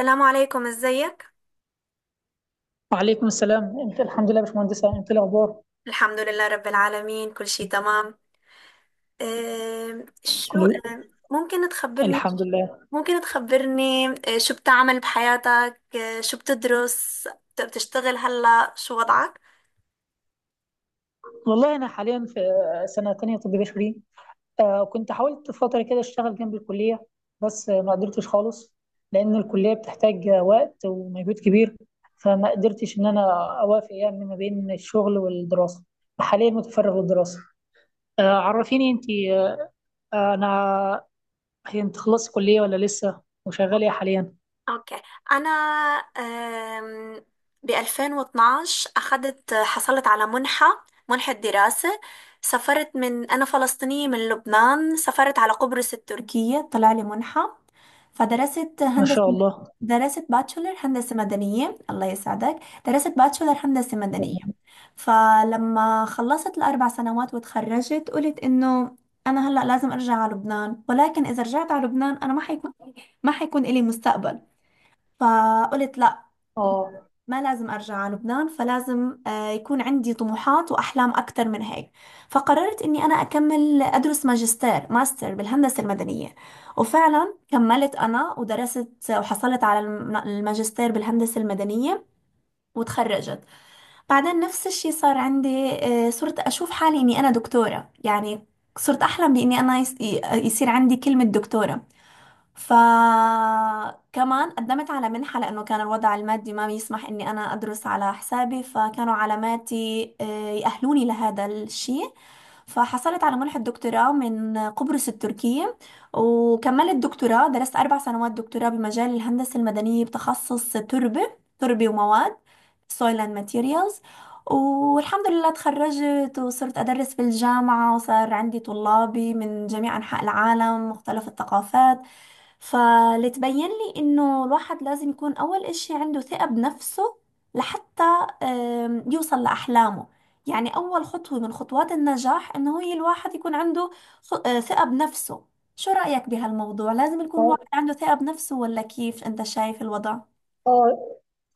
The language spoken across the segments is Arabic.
السلام عليكم، ازيك؟ وعليكم السلام. انت؟ الحمد لله يا باشمهندسه، انت إيه الاخبار؟ الحمد لله رب العالمين، كل شيء تمام. شو كلية. ممكن تخبرني، الحمد لله. شو بتعمل بحياتك، شو بتدرس، بتشتغل؟ هلا شو وضعك؟ والله انا حاليا في سنه تانية طب بشري. كنت حاولت فتره كده اشتغل جنب الكليه، بس ما قدرتش خالص، لان الكليه بتحتاج وقت ومجهود كبير، فما قدرتش ان انا اوافق يعني ما بين الشغل والدراسه. حاليا متفرغ للدراسه. عرفيني انت. آه انا هي انت خلصت كليه ولا لسه، وشغاله إيه حاليا؟ اوكي. انا ب 2012 حصلت على منحة دراسة. سافرت، من انا فلسطينية من لبنان، سافرت على قبرص التركية، طلع لي منحة فدرست ما هندسة. شاء الله. درست باتشولر هندسة مدنية. الله يسعدك. درست باتشولر هندسة مدنية. فلما خلصت ال4 سنوات وتخرجت قلت إنه أنا هلأ لازم أرجع على لبنان، ولكن إذا رجعت على لبنان أنا ما حيكون إلي مستقبل. فقلت لأ، اه ما لازم أرجع على لبنان، فلازم يكون عندي طموحات وأحلام أكثر من هيك. فقررت إني أنا أكمل أدرس ماجستير، ماستر بالهندسة المدنية، وفعلا كملت أنا ودرست وحصلت على الماجستير بالهندسة المدنية وتخرجت. بعدين نفس الشي صار عندي، صرت أشوف حالي إني أنا دكتورة يعني، صرت أحلم بإني أنا يصير عندي كلمة دكتورة. فكمان قدمت على منحة، لأنه كان الوضع المادي ما بيسمح إني أنا أدرس على حسابي، فكانوا علاماتي يأهلوني لهذا الشيء. فحصلت على منحة دكتوراه من قبرص التركية، وكملت دكتوراه، درست 4 سنوات دكتوراه بمجال الهندسة المدنية بتخصص تربة، تربة ومواد، soil and materials. والحمد لله تخرجت وصرت أدرس في الجامعة، وصار عندي طلابي من جميع أنحاء العالم، مختلف الثقافات. فلتبين لي انه الواحد لازم يكون اول اشي عنده ثقة بنفسه لحتى يوصل لأحلامه. يعني اول خطوة من خطوات النجاح انه هي الواحد يكون عنده ثقة بنفسه. شو رأيك بهالموضوع؟ لازم يكون اه الواحد عنده ثقة بنفسه، ولا كيف انت شايف الوضع؟ اه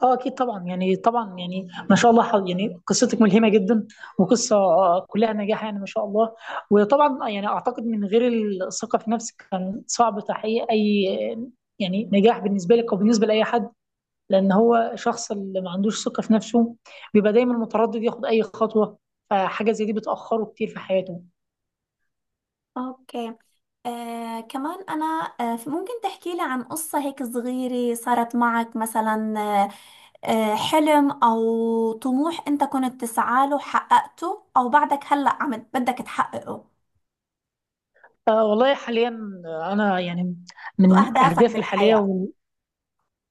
اه اكيد طبعا، يعني طبعا يعني ما شاء الله، يعني قصتك ملهمه جدا، وقصه كلها نجاح يعني ما شاء الله. وطبعا يعني اعتقد من غير الثقه في نفسك كان صعب تحقيق اي يعني نجاح بالنسبه لك او بالنسبه لاي حد، لان هو شخص اللي ما عندوش ثقه في نفسه بيبقى دايما متردد ياخد اي خطوه، فحاجه زي دي بتاخره كتير في حياته. اوكي. كمان أنا، ممكن تحكي لي عن قصة هيك صغيرة صارت معك مثلا، حلم أو طموح أنت كنت تسعى له حققته، أو بعدك هلأ عم بدك تحققه؟ والله حاليا انا يعني شو من أهدافك اهدافي الحاليه، بالحياة؟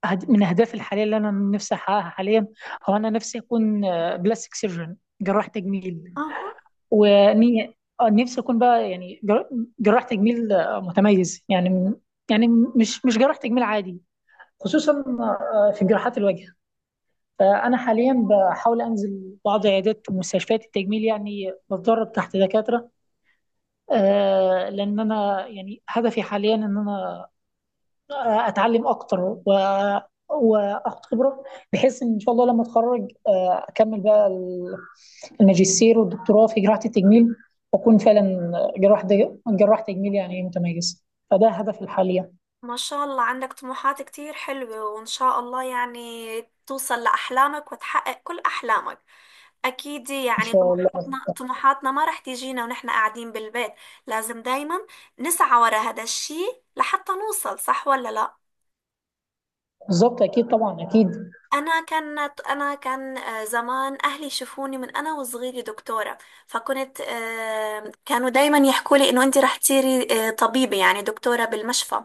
من أهدافي الحالية اللي أنا نفسي أحققها حاليا هو أنا نفسي أكون بلاستيك سيرجن، جراح تجميل. أها. وني نفسي أكون بقى يعني جراح تجميل متميز، يعني مش جراح تجميل عادي، خصوصا في جراحات الوجه. فأنا حاليا بحاول أنزل بعض عيادات ومستشفيات التجميل، يعني بتدرب تحت دكاترة، لأن أنا يعني هدفي حاليا إن أنا اتعلم اكتر و واخد خبره، بحيث ان ان شاء الله لما اتخرج اكمل بقى الماجستير والدكتوراه في جراحه التجميل، واكون فعلا جراح تجميل يعني متميز. فده هدفي الحالي ان ما شاء الله عندك طموحات كتير حلوة، وإن شاء الله يعني توصل لأحلامك وتحقق كل أحلامك. أكيد يعني شاء الله. طموحاتنا ما رح تيجينا ونحن قاعدين بالبيت، لازم دايما نسعى ورا هذا الشي لحتى نوصل، صح ولا لا؟ بالظبط اكيد طبعا اكيد. أنا كان زمان أهلي يشوفوني من أنا وصغيرة دكتورة، فكنت آه، كانوا دايما يحكوا لي إنه أنت رح تصيري طبيبة يعني دكتورة بالمشفى.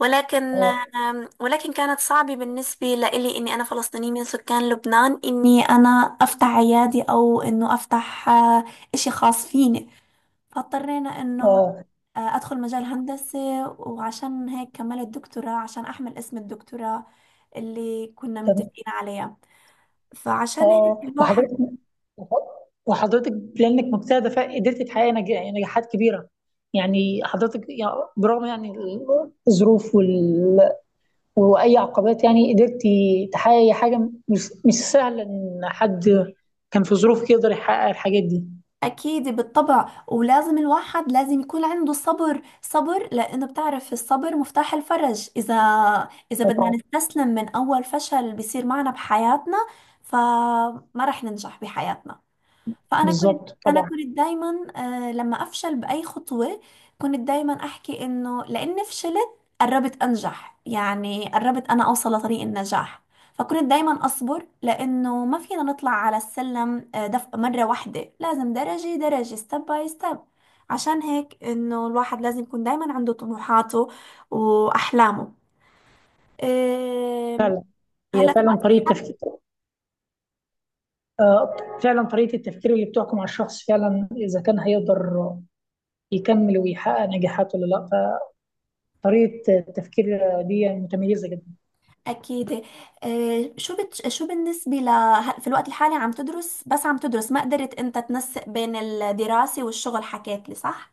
ولكن اه آم، ولكن كانت صعبة بالنسبة لإلي إني أنا فلسطينية من سكان لبنان، إني أنا أفتح عيادي أو إنه أفتح إشي خاص فيني. فاضطرينا إنه اه أدخل مجال هندسة، وعشان هيك كملت دكتوراه عشان أحمل اسم الدكتوراه اللي كنا تم- متفقين عليها. فعشان هيك اه الواحد وحضرتك وحضرتك بلانك مجتهده فقدرت تحققي يعني نجاحات كبيره، يعني حضرتك يعني برغم يعني الظروف واي عقبات، يعني قدرتي تحققي حاجه مش سهله ان حد كان في ظروفك يقدر يحقق الحاجات دي. أكيد بالطبع، ولازم الواحد لازم يكون عنده صبر، صبر، لأنه بتعرف الصبر مفتاح الفرج. إذا بدنا طبعا، نستسلم من أول فشل بيصير معنا بحياتنا، فما رح ننجح بحياتنا. فانا كنت بالظبط انا طبعا. كنت دايما آه لما افشل باي خطوه، كنت دايما احكي انه لاني فشلت قربت انجح، يعني قربت انا اوصل لطريق النجاح. فكنت دايما اصبر لانه ما فينا نطلع على السلم دف مره واحده، لازم درجه درجه، ستيب باي ستيب. عشان هيك انه الواحد لازم يكون دايما عنده طموحاته واحلامه. آه، هي هلا فعلا طريقه كمان تفكير، آه، فعلا طريقه التفكير اللي بتحكم على الشخص فعلا اذا كان هيقدر يكمل ويحقق نجاحات ولا لا، فطريقه التفكير دي متميزه جدا. أكيد. شو شو بالنسبة ل في الوقت الحالي عم تدرس، بس عم تدرس، ما قدرت أنت تنسق بين الدراسة والشغل، حكيت لي صح؟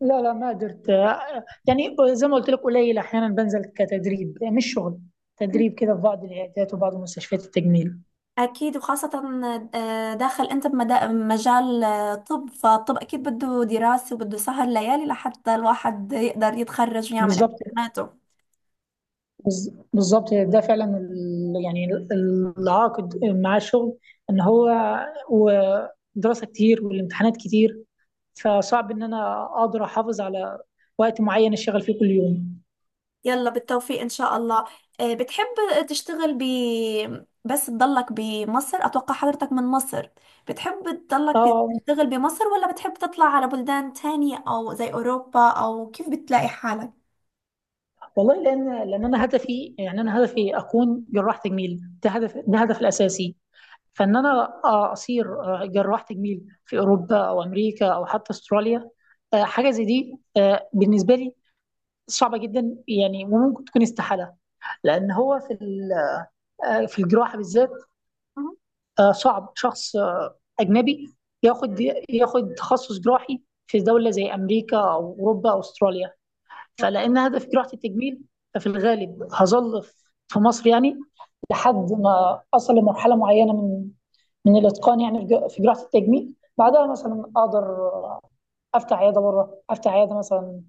لا لا، ما قدرت، يعني زي ما قلت لك قليل احيانا بنزل كتدريب مش شغل، تدريب كده في بعض العيادات وبعض مستشفيات التجميل. أكيد، وخاصة داخل أنت بمجال طب، فالطب أكيد بده دراسة وبده سهر ليالي لحتى الواحد يقدر يتخرج ويعمل بالظبط، امتحاناته. بالظبط، يعني ده فعلا العائق مع الشغل ان هو ودراسه كتير والامتحانات كتير، فصعب ان انا اقدر احافظ على وقت معين اشتغل فيه كل يوم. يلا بالتوفيق ان شاء الله. بتحب تشتغل بس تضلك بمصر، اتوقع حضرتك من مصر، بتحب تضلك اه تشتغل بمصر، ولا بتحب تطلع على بلدان تانية او زي اوروبا، او كيف بتلاقي والله، لان انا هدفي يعني انا هدفي اكون جراح تجميل، ده هدف ده هدف الاساسي، فان انا اصير جراح تجميل في اوروبا او امريكا او حتى استراليا. حاجه زي دي بالنسبه لي صعبه جدا يعني، وممكن تكون استحاله، لان هو في الجراحه بالذات حالك؟ صعب شخص اجنبي ياخد ياخد تخصص جراحي في دوله زي امريكا او اوروبا او استراليا. فلان هدف جراحه التجميل، ففي الغالب هظل في مصر يعني لحد ما اصل لمرحله معينه من الاتقان يعني في جراحه التجميل، بعدها مثلا اقدر افتح عياده بره، افتح عياده مثلا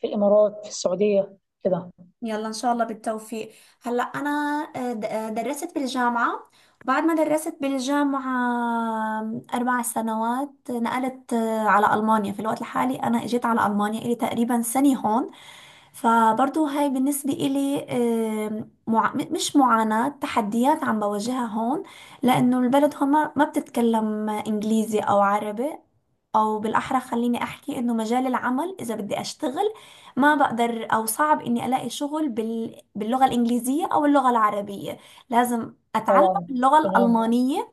في الامارات، في السعوديه كده. يلا ان شاء الله بالتوفيق. هلا انا درست بالجامعه، وبعد ما درست بالجامعه 4 سنوات نقلت على المانيا. في الوقت الحالي انا اجيت على المانيا الي تقريبا سنه هون. فبرضو هاي بالنسبه الي مش معاناه، تحديات عم بواجهها هون، لانه البلد هون ما بتتكلم انجليزي او عربي، او بالاحرى خليني احكي انه مجال العمل، اذا بدي اشتغل ما بقدر، او صعب اني الاقي شغل باللغة الانجليزية او اللغة العربية، لازم اتعلم طبعا، اللغة تمام، الالمانية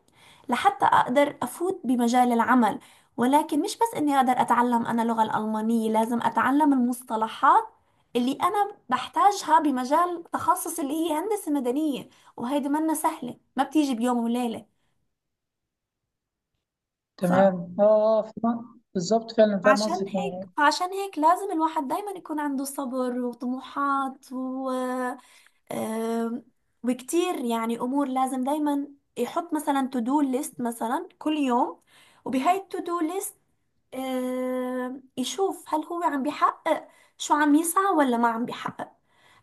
لحتى اقدر افوت بمجال العمل. ولكن مش بس اني اقدر اتعلم انا اللغة الالمانية، لازم اتعلم المصطلحات اللي انا بحتاجها بمجال تخصص اللي هي هندسة مدنية، وهيدي منا سهلة، ما بتيجي بيوم وليلة. تمام. بالظبط، فعلا فاهم قصدك يعني. فعشان هيك لازم الواحد دايما يكون عنده صبر وطموحات و... أم، وكتير يعني امور، لازم دايما يحط مثلا تو دو ليست مثلا كل يوم، وبهاي التو دو ليست يشوف هل هو عم بيحقق شو عم يسعى ولا ما عم بيحقق.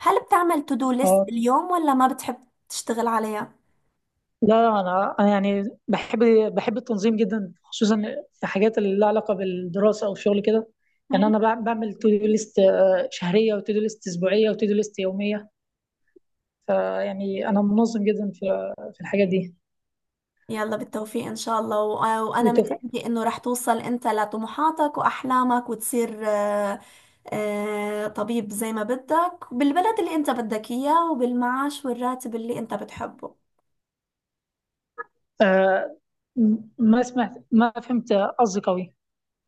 هل بتعمل تو دو ليست اه باليوم، ولا ما بتحب تشتغل عليها؟ لا، انا يعني بحب التنظيم جدا، خصوصا في حاجات اللي لها علاقه بالدراسه او الشغل كده، يعني انا بعمل تو دو ليست شهريه وتو دو ليست اسبوعيه وتو دو ليست يوميه. فيعني انا منظم جدا في الحاجات دي. يلا بالتوفيق إن شاء الله، وأنا بالتوفيق. متأكدة إنه رح توصل أنت لطموحاتك وأحلامك وتصير طبيب زي ما بدك، بالبلد اللي أنت بدك إياه وبالمعاش والراتب اللي أنت بتحبه. آه، ما سمعت، ما فهمت قصدك قوي.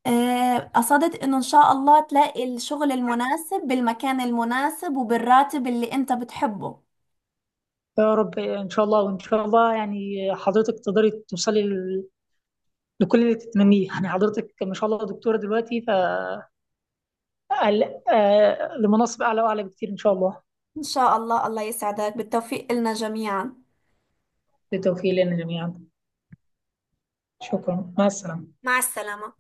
قصدت إنه إن شاء الله تلاقي الشغل المناسب بالمكان المناسب وبالراتب اللي أنت بتحبه. يا رب ان شاء الله، وان شاء الله يعني حضرتك تقدري توصلي لكل اللي تتمنيه، يعني حضرتك ما شاء الله دكتورة دلوقتي، لمناصب أعلى وأعلى بكتير إن شاء الله. إن شاء الله. الله يسعدك، بالتوفيق لنا جميعا. بالتوفيق لنا جميعا. شكرا، مع السلامة. مع السلامة.